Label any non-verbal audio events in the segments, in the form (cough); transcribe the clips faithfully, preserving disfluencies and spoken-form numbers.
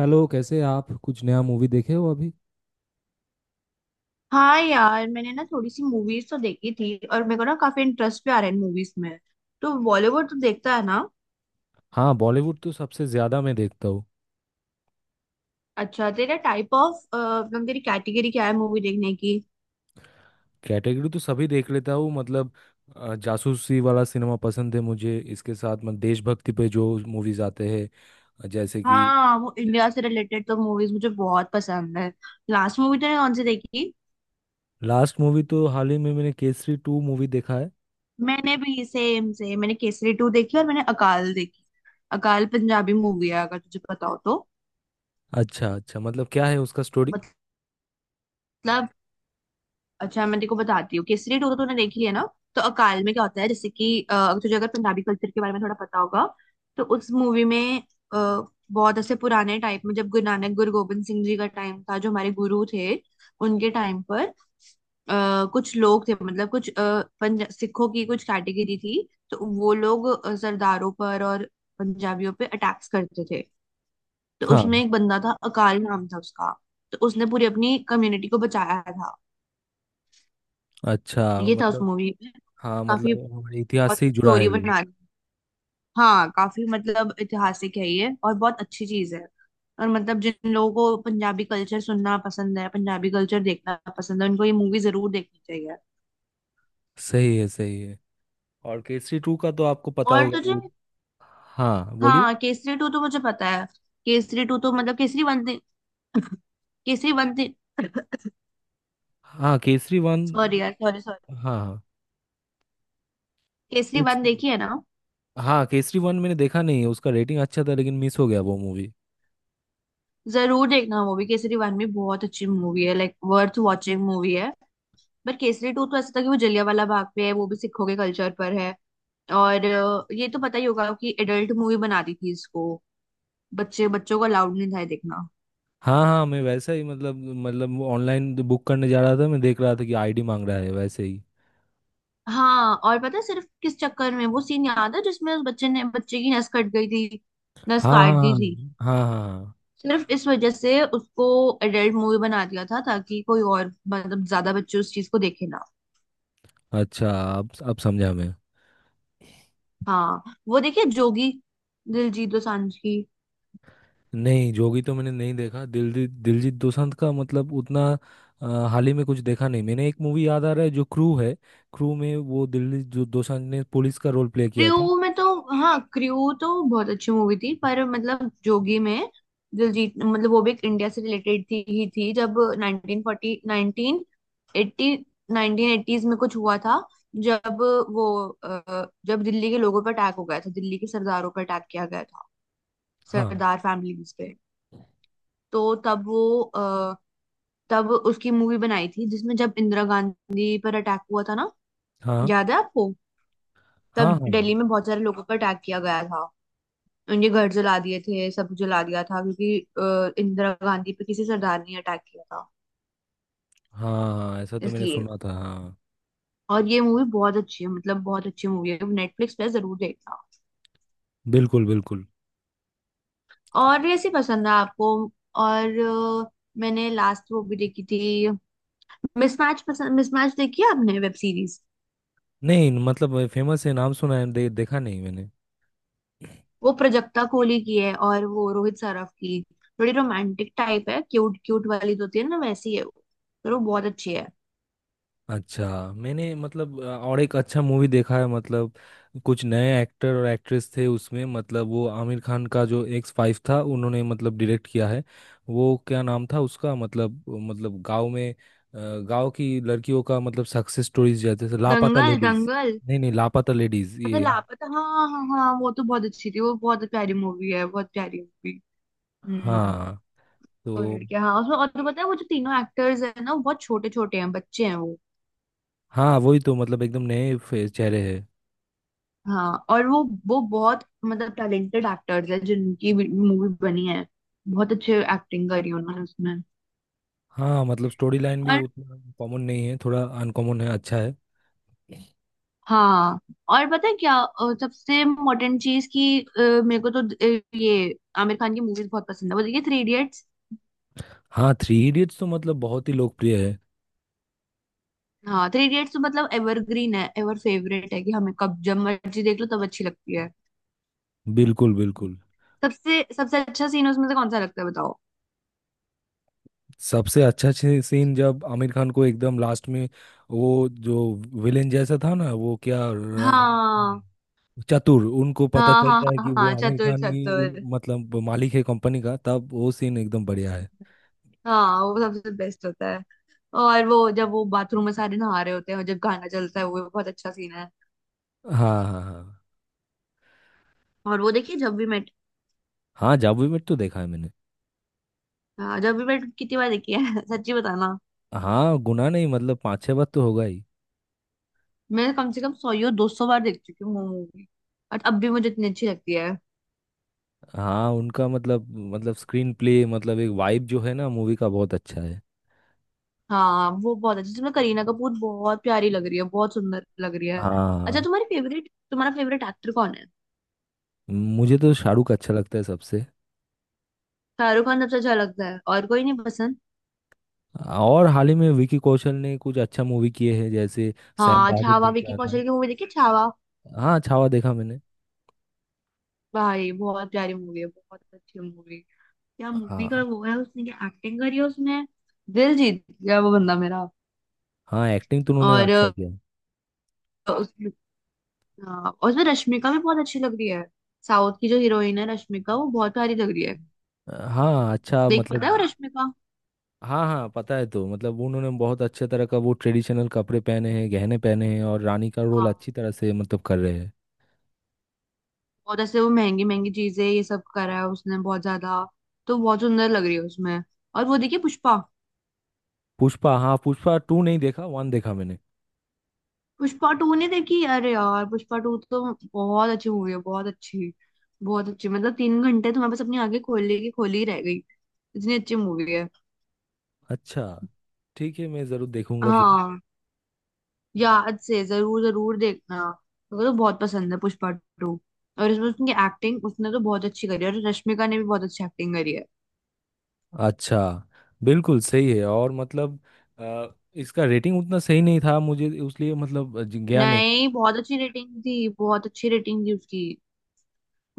Hello. कैसे हैं आप? कुछ नया मूवी देखे हो अभी? हाँ यार, मैंने ना थोड़ी सी मूवीज तो देखी थी और मेरे को ना काफी इंटरेस्ट भी आ रहा है मूवीज में। तो बॉलीवुड तो देखता है ना। हाँ, बॉलीवुड तो सबसे ज्यादा मैं देखता हूँ। अच्छा, तेरा टाइप ऑफ मतलब तेरी कैटेगरी क्या है मूवी देखने की। कैटेगरी तो सभी देख लेता हूँ मतलब। अ, जासूसी वाला सिनेमा पसंद है मुझे। इसके साथ मतलब देशभक्ति पे जो मूवीज आते हैं। जैसे कि। हाँ वो इंडिया से रिलेटेड तो मूवीज मुझे बहुत पसंद है। लास्ट मूवी तूने कौन सी देखी। लास्ट मूवी तो हाल ही में मैंने केसरी टू मूवी देखा है। मैंने भी सेम सेम, मैंने केसरी टू देखी और मैंने अकाल देखी। अकाल पंजाबी मूवी है अगर तुझे पता हो तो। अच्छा अच्छा, मतलब क्या है उसका स्टोरी? मतलब, अच्छा मैं तेको बताती हूँ, केसरी टू तो तूने देख लिया ना। तो अकाल में क्या होता है, जैसे कि अ, अगर तुझे, अगर पंजाबी कल्चर के बारे में थोड़ा पता होगा, तो उस मूवी में अ, बहुत ऐसे पुराने टाइप में जब गुरु नानक गुरु गोविंद सिंह जी का टाइम था, जो हमारे गुरु थे। उनके टाइम पर अ, कुछ लोग थे, मतलब कुछ अ, पंजा सिखों की कुछ कैटेगरी थी। तो वो लोग अ, सरदारों पर और पंजाबियों पे अटैक्स करते थे। तो उसमें हाँ। एक बंदा था, अकाल नाम था उसका। तो उसने पूरी अपनी कम्युनिटी को बचाया था। अच्छा। ये था उस मतलब। मूवी में। हाँ, काफी मतलब हमारे इतिहास बहुत से ही जुड़ा स्टोरी है ये। बना। हाँ काफी मतलब ऐतिहासिक है ये, और बहुत अच्छी चीज है। और मतलब जिन लोगों को पंजाबी कल्चर सुनना पसंद है, पंजाबी कल्चर देखना पसंद है, उनको ये मूवी जरूर देखनी चाहिए। सही है, सही है। और केसरी टू का तो आपको पता और होगा तुझे। वो। हाँ, बोलिए। हाँ केसरी टू तो मुझे पता है। केसरी टू तो मतलब केसरी वन दे- केसरी वन। हाँ, केसरी वन। सॉरी यार, सॉरी, सॉरी। हाँ। हाँ। केसरी वन केसरी। देखी है ना। हाँ, केसरी वन मैंने देखा नहीं है। उसका रेटिंग अच्छा था, लेकिन मिस हो गया वो मूवी। जरूर देखना मूवी, केसरी वन भी बहुत अच्छी मूवी है, लाइक वर्थ वॉचिंग मूवी है। बट केसरी टू तो ऐसा था कि वो जलियांवाला बाग पे है, वो भी सिखों के कल्चर पर है। और अ, ये तो पता ही होगा कि एडल्ट मूवी बना दी थी इसको। बच्चे, बच्चों को अलाउड नहीं था ये देखना। हाँ हाँ, मैं वैसा ही मतलब। मतलब ऑनलाइन बुक करने जा रहा था, मैं देख रहा था कि आईडी मांग रहा है वैसे ही। हाँ और पता है, सिर्फ किस चक्कर में, वो सीन याद है जिसमें उस बच्चे ने, बच्चे की नस कट गई थी, नस हाँ काट दी हाँ थी। हाँ हाँ। हाँ सिर्फ इस वजह से उसको एडल्ट मूवी बना दिया था, ताकि कोई और मतलब ज्यादा बच्चे उस चीज को देखे ना। हाँ। अच्छा। अब अब समझा मैं। हाँ वो देखिए जोगी, दिलजीत दोसांझ की। नहीं, जोगी तो मैंने नहीं देखा। दिलजीत दिलजीत दोसांझ का मतलब उतना। अ, हाल ही में कुछ देखा नहीं मैंने। एक मूवी याद आ रहा है जो क्रू है। क्रू में वो दिलजीत, जो दोसांझ ने पुलिस का रोल प्ले किया था। क्रू में तो, हाँ क्रू तो बहुत अच्छी मूवी थी, पर मतलब जोगी में दिलजीत, मतलब वो भी एक इंडिया से रिलेटेड थी ही थी, जब nineteen forty nineteen eighty nineteen eighties में कुछ हुआ था, जब वो अ, जब दिल्ली के लोगों पर अटैक हो गया था, दिल्ली के सरदारों पर अटैक किया गया था, हाँ सरदार फैमिलीज पे। तो तब वो अ, तब उसकी मूवी बनाई थी, जिसमें जब इंदिरा गांधी पर अटैक हुआ था ना, हाँ याद है आपको। हाँ तब हाँ। दिल्ली हाँ में बहुत सारे लोगों पर अटैक किया गया था, उनके घर जला दिए थे, सब जला दिया था, क्योंकि अ, इंदिरा गांधी पे किसी सरदार ने अटैक किया था, हाँ, ऐसा तो मैंने इसलिए। सुना था हाँ। और ये मूवी बहुत अच्छी है, मतलब बहुत अच्छी मूवी है, नेटफ्लिक्स पे जरूर देखना। बिल्कुल बिल्कुल। और ऐसी पसंद है आपको। और अ, मैंने लास्ट वो भी देखी थी, मिसमैच। पसंद मिसमैच देखी है आपने वेब सीरीज। नहीं, मतलब फेमस है, नाम सुना है, दे, देखा नहीं मैंने। वो प्रजक्ता कोहली की है और वो रोहित सराफ की। थोड़ी रोमांटिक टाइप है, क्यूट क्यूट वाली जो होती है ना, वैसी है वो। पर वो बहुत अच्छी है। अच्छा। मैंने मतलब अ, और एक अच्छा मूवी देखा है मतलब। कुछ नए एक्टर और एक्ट्रेस थे उसमें, मतलब वो आमिर खान का जो एक्स फाइव था, उन्होंने मतलब डायरेक्ट किया है। वो क्या नाम था उसका मतलब मतलब गांव में, अ, गांव की लड़कियों का मतलब सक्सेस स्टोरीज, जैसे से लापता दंगल लेडीज। दंगल। नहीं नहीं, लापता लेडीज अच्छा ये। लापता, हाँ हाँ हाँ, वो तो बहुत अच्छी थी, वो बहुत प्यारी मूवी है, बहुत प्यारी मूवी। हम्म। हाँ। तो। और लड़कियां हाँ उसमें, और तो पता है वो जो तीनों एक्टर्स हैं ना वो बहुत छोटे छोटे हैं, बच्चे हैं वो। हाँ, वही तो मतलब एकदम नए फे- चेहरे हैं। हाँ और वो वो बहुत मतलब टैलेंटेड एक्टर्स हैं जिनकी मूवी बनी है। बहुत अच्छे एक्टिंग करी उन्होंने उसमें। हाँ, मतलब स्टोरी लाइन भी और उतना कॉमन नहीं है, थोड़ा अनकॉमन है, अच्छा है। हाँ और पता है क्या, अ, सबसे इम्पोर्टेंट चीज की, मेरे को तो अ, ये आमिर खान की मूवीज बहुत पसंद है। वो देखिए थ्री। हाँ, थ्री इडियट्स तो मतलब बहुत ही लोकप्रिय है। हाँ थ्री इडियट्स तो मतलब एवरग्रीन है, एवर फेवरेट है कि हमें कब जब मर्जी देख लो तब अच्छी लगती है। बिल्कुल बिल्कुल। सबसे सबसे अच्छा सीन उसमें से कौन सा लगता है बताओ। सबसे अच्छा सी- सीन जब आमिर खान को एकदम लास्ट में, वो जो विलेन जैसा था ना, वो क्या र- हाँ चतुर, उनको पता हाँ हाँ चलता है कि हाँ हाँ, वो आमिर चतुर खान की उन- चतुर। मतलब मालिक है कंपनी का, तब वो सीन एकदम बढ़िया है। हाँ वो सबसे बेस्ट होता है। और वो जब वो बाथरूम में सारे नहा रहे होते हैं और जब गाना चलता है, वो भी बहुत अच्छा सीन है। हाँ हाँ हाँ और वो देखिए जब भी मेट। हाँ। जादू में तो देखा है मैंने। हाँ, जब भी मेट कितनी बार देखी है (laughs) सच्ची बताना। हाँ, गुना नहीं, मतलब पाँच छह बार तो होगा ही। मैं कम से कम सौ या दो सौ बार देख चुकी हूँ मूवी। और अब भी मुझे इतनी अच्छी लगती है। हाँ, उनका मतलब, मतलब स्क्रीन प्ले मतलब एक वाइब जो है ना मूवी का, बहुत अच्छा है। हाँ वो बहुत अच्छी, जिसमें करीना कपूर बहुत प्यारी लग रही है, बहुत सुंदर लग रही है। अच्छा हाँ। तुम्हारी फेवरेट, तुम्हारा फेवरेट एक्टर कौन है। मुझे तो शाहरुख अच्छा लगता है सबसे। शाहरुख खान सबसे अच्छा लगता है, और कोई नहीं पसंद। और हाल ही में विकी कौशल ने कुछ अच्छा मूवी किए हैं, जैसे सैम हाँ बहादुर छावा, देख विकी रहा था। कौशल की मूवी देखी, छावा। हाँ, छावा देखा मैंने। भाई बहुत प्यारी मूवी है, बहुत अच्छी मूवी। क्या मूवी का हाँ। वो है, उसने क्या एक्टिंग करी है उसमें। दिल जीत गया वो बंदा मेरा। हाँ, एक्टिंग तो उन्होंने और अ, अच्छा किया। उसमें, हाँ, और उसमें रश्मिका भी बहुत अच्छी लग रही है। साउथ की जो हीरोइन है रश्मिका, वो बहुत प्यारी लग रही है। हाँ अच्छा, देख पता है मतलब। वो रश्मिका। हाँ हाँ, पता है। तो मतलब उन्होंने बहुत अच्छे तरह का वो ट्रेडिशनल कपड़े पहने हैं, गहने पहने हैं, और रानी का हाँ रोल अच्छी तरह से मतलब कर रहे हैं। और जैसे वो महंगी महंगी चीजें ये सब करा है उसने, बहुत ज्यादा। तो बहुत सुंदर लग रही है उसमें। और वो देखिए पुष्पा। पुष्पा, हाँ, पुष्पा टू नहीं देखा, वन देखा मैंने। पुष्पा टू नहीं देखी, अरे यार पुष्पा टू तो बहुत अच्छी मूवी है, बहुत अच्छी, बहुत अच्छी। मतलब तीन घंटे तुम्हारे पास अपनी आंखें खोलने की खोली ही रह गई। इतनी अच्छी मूवी है। अच्छा। ठीक है, मैं ज़रूर देखूंगा फिर। हाँ, याद से जरूर जरूर देखना। मेरे को तो बहुत पसंद है पुष्पा टू। और इसमें उसकी एक्टिंग, उसने तो बहुत अच्छी करी है, और रश्मिका ने भी बहुत अच्छी एक्टिंग करी है। अच्छा। बिल्कुल सही है, और मतलब अ, इसका रेटिंग उतना सही नहीं था मुझे, उसलिए मतलब ज- गया नहीं। नहीं, बहुत अच्छी रेटिंग थी, बहुत अच्छी रेटिंग थी उसकी।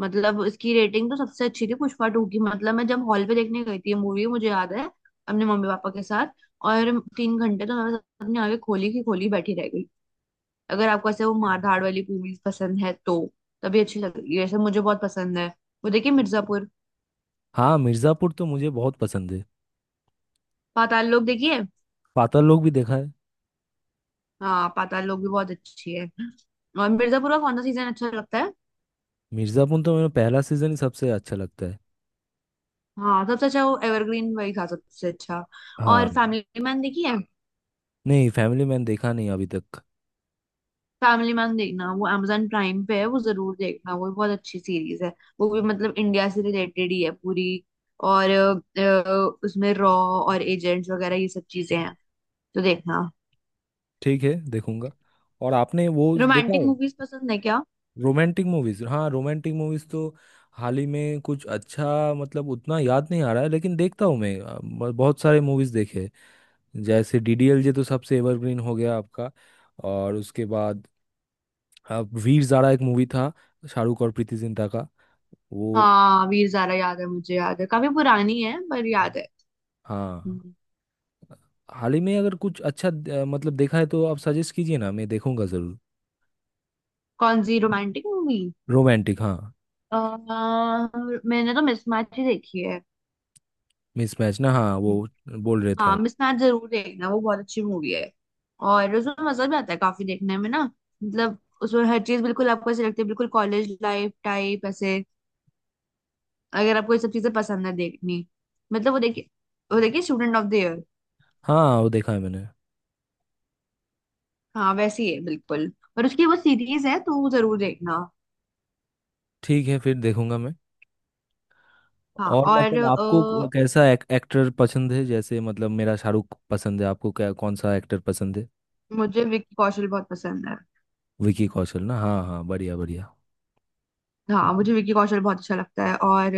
मतलब इसकी रेटिंग तो सबसे अच्छी थी पुष्पा टू की। मतलब मैं जब हॉल पे देखने गई थी ये मूवी, मुझे याद है, अपने मम्मी पापा के साथ। और तीन घंटे तो मैं अपने आगे खोली की खोली बैठी रह गई। अगर आपको ऐसे वो मारधाड़ वाली मूवीज पसंद है तो तभी अच्छी लगेगी, वैसे मुझे बहुत पसंद है। वो देखिए मिर्जापुर। हाँ, मिर्ज़ापुर तो मुझे बहुत पसंद है। पाताल लोक देखिए। पाताल लोक भी देखा है। हाँ पाताल लोक भी बहुत अच्छी है। और मिर्जापुर का कौन सा सीजन अच्छा लगता है। मिर्ज़ापुर तो मेरा पहला सीज़न ही सबसे अच्छा लगता है। हाँ सबसे अच्छा, वो एवरग्रीन वही था सबसे अच्छा। हाँ। और फैमिली मैन देखिए। नहीं, फैमिली मैन देखा नहीं अभी तक। फैमिली मैन देखना, वो amazon प्राइम पे है, वो जरूर देखना, वो बहुत अच्छी सीरीज है। वो भी मतलब इंडिया से रिलेटेड ही है पूरी। और अ, अ, उसमें रॉ और एजेंट्स वगैरह ये सब चीजें हैं, तो देखना। ठीक है, देखूंगा। और आपने वो देखा रोमांटिक है? मूवीज पसंद है क्या। रोमांटिक मूवीज, हाँ रोमांटिक मूवीज तो हाल ही में कुछ अच्छा मतलब उतना याद नहीं आ रहा है, लेकिन देखता हूँ मैं। अ, ब- बहुत सारे मूवीज देखे। जैसे डी डी एल जे तो सबसे एवरग्रीन हो गया आपका। और उसके बाद अ, वीर ज़ारा एक मूवी था, शाहरुख और प्रीति जिंटा का। वो। हाँ वीर ज़ारा याद है, मुझे याद है, काफी पुरानी है पर याद है। हाँ। हम्म। हाल ही में अगर कुछ अच्छा अ, मतलब देखा है, तो आप सजेस्ट कीजिए ना, मैं देखूंगा जरूर। कौन सी रोमांटिक मूवी। रोमांटिक, हाँ। मैंने तो मिसमैच ही देखी मिसमैच ना, हाँ वो है। बोल रहे थे हाँ आप। मिसमैच जरूर देखना, वो बहुत अच्छी मूवी है। और उसमें मजा भी आता है काफी देखने में ना। मतलब उसमें हर चीज बिल्कुल आपको ऐसे लगती है, बिल्कुल कॉलेज लाइफ टाइप ऐसे। अगर आपको ये सब चीजें पसंद है देखनी, मतलब वो देखिए, वो देखिए स्टूडेंट ऑफ द ईयर। हाँ, वो देखा है मैंने। हाँ वैसी है बिल्कुल। और उसकी वो सीरीज है, तो वो जरूर देखना। ठीक है, फिर देखूंगा मैं। हाँ और और मतलब आपको अ, क- कैसा एक, एक्टर पसंद है? जैसे मतलब मेरा शाहरुख पसंद है, आपको क्या कौन सा एक्टर पसंद है? मुझे विक्की कौशल बहुत पसंद है। विकी कौशल ना, हाँ हाँ, बढ़िया बढ़िया। हाँ मुझे विक्की कौशल बहुत अच्छा लगता है। और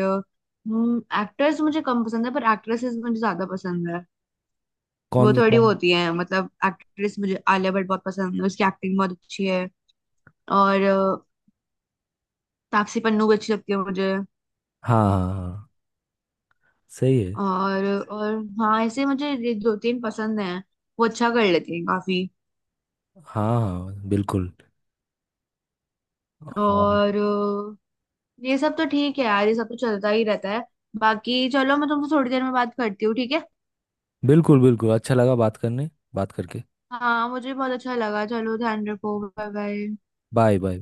एक्टर्स मुझे कम पसंद है, पर एक्ट्रेसेस मुझे ज्यादा पसंद है। वो कौन थोड़ी वो कौन? होती है, मतलब एक्ट्रेस मुझे आलिया भट्ट बहुत पसंद है, उसकी एक्टिंग बहुत अच्छी है। और अ, तापसी पन्नू भी अच्छी लगती है मुझे। हाँ हाँ हाँ। सही है। और और हाँ ऐसे मुझे ये दो तीन पसंद हैं, वो अच्छा कर लेती हैं काफी। हाँ हाँ, बिल्कुल। और। और अ, ये सब तो ठीक है यार, ये सब तो चलता ही रहता है। बाकी चलो, मैं तुमसे थोड़ी देर में बात करती हूँ, ठीक है। बिल्कुल बिल्कुल, अच्छा लगा बात करने बात करके। हाँ मुझे बहुत अच्छा लगा, चलो ध्यान रखो, बाय बाय। Bye bye.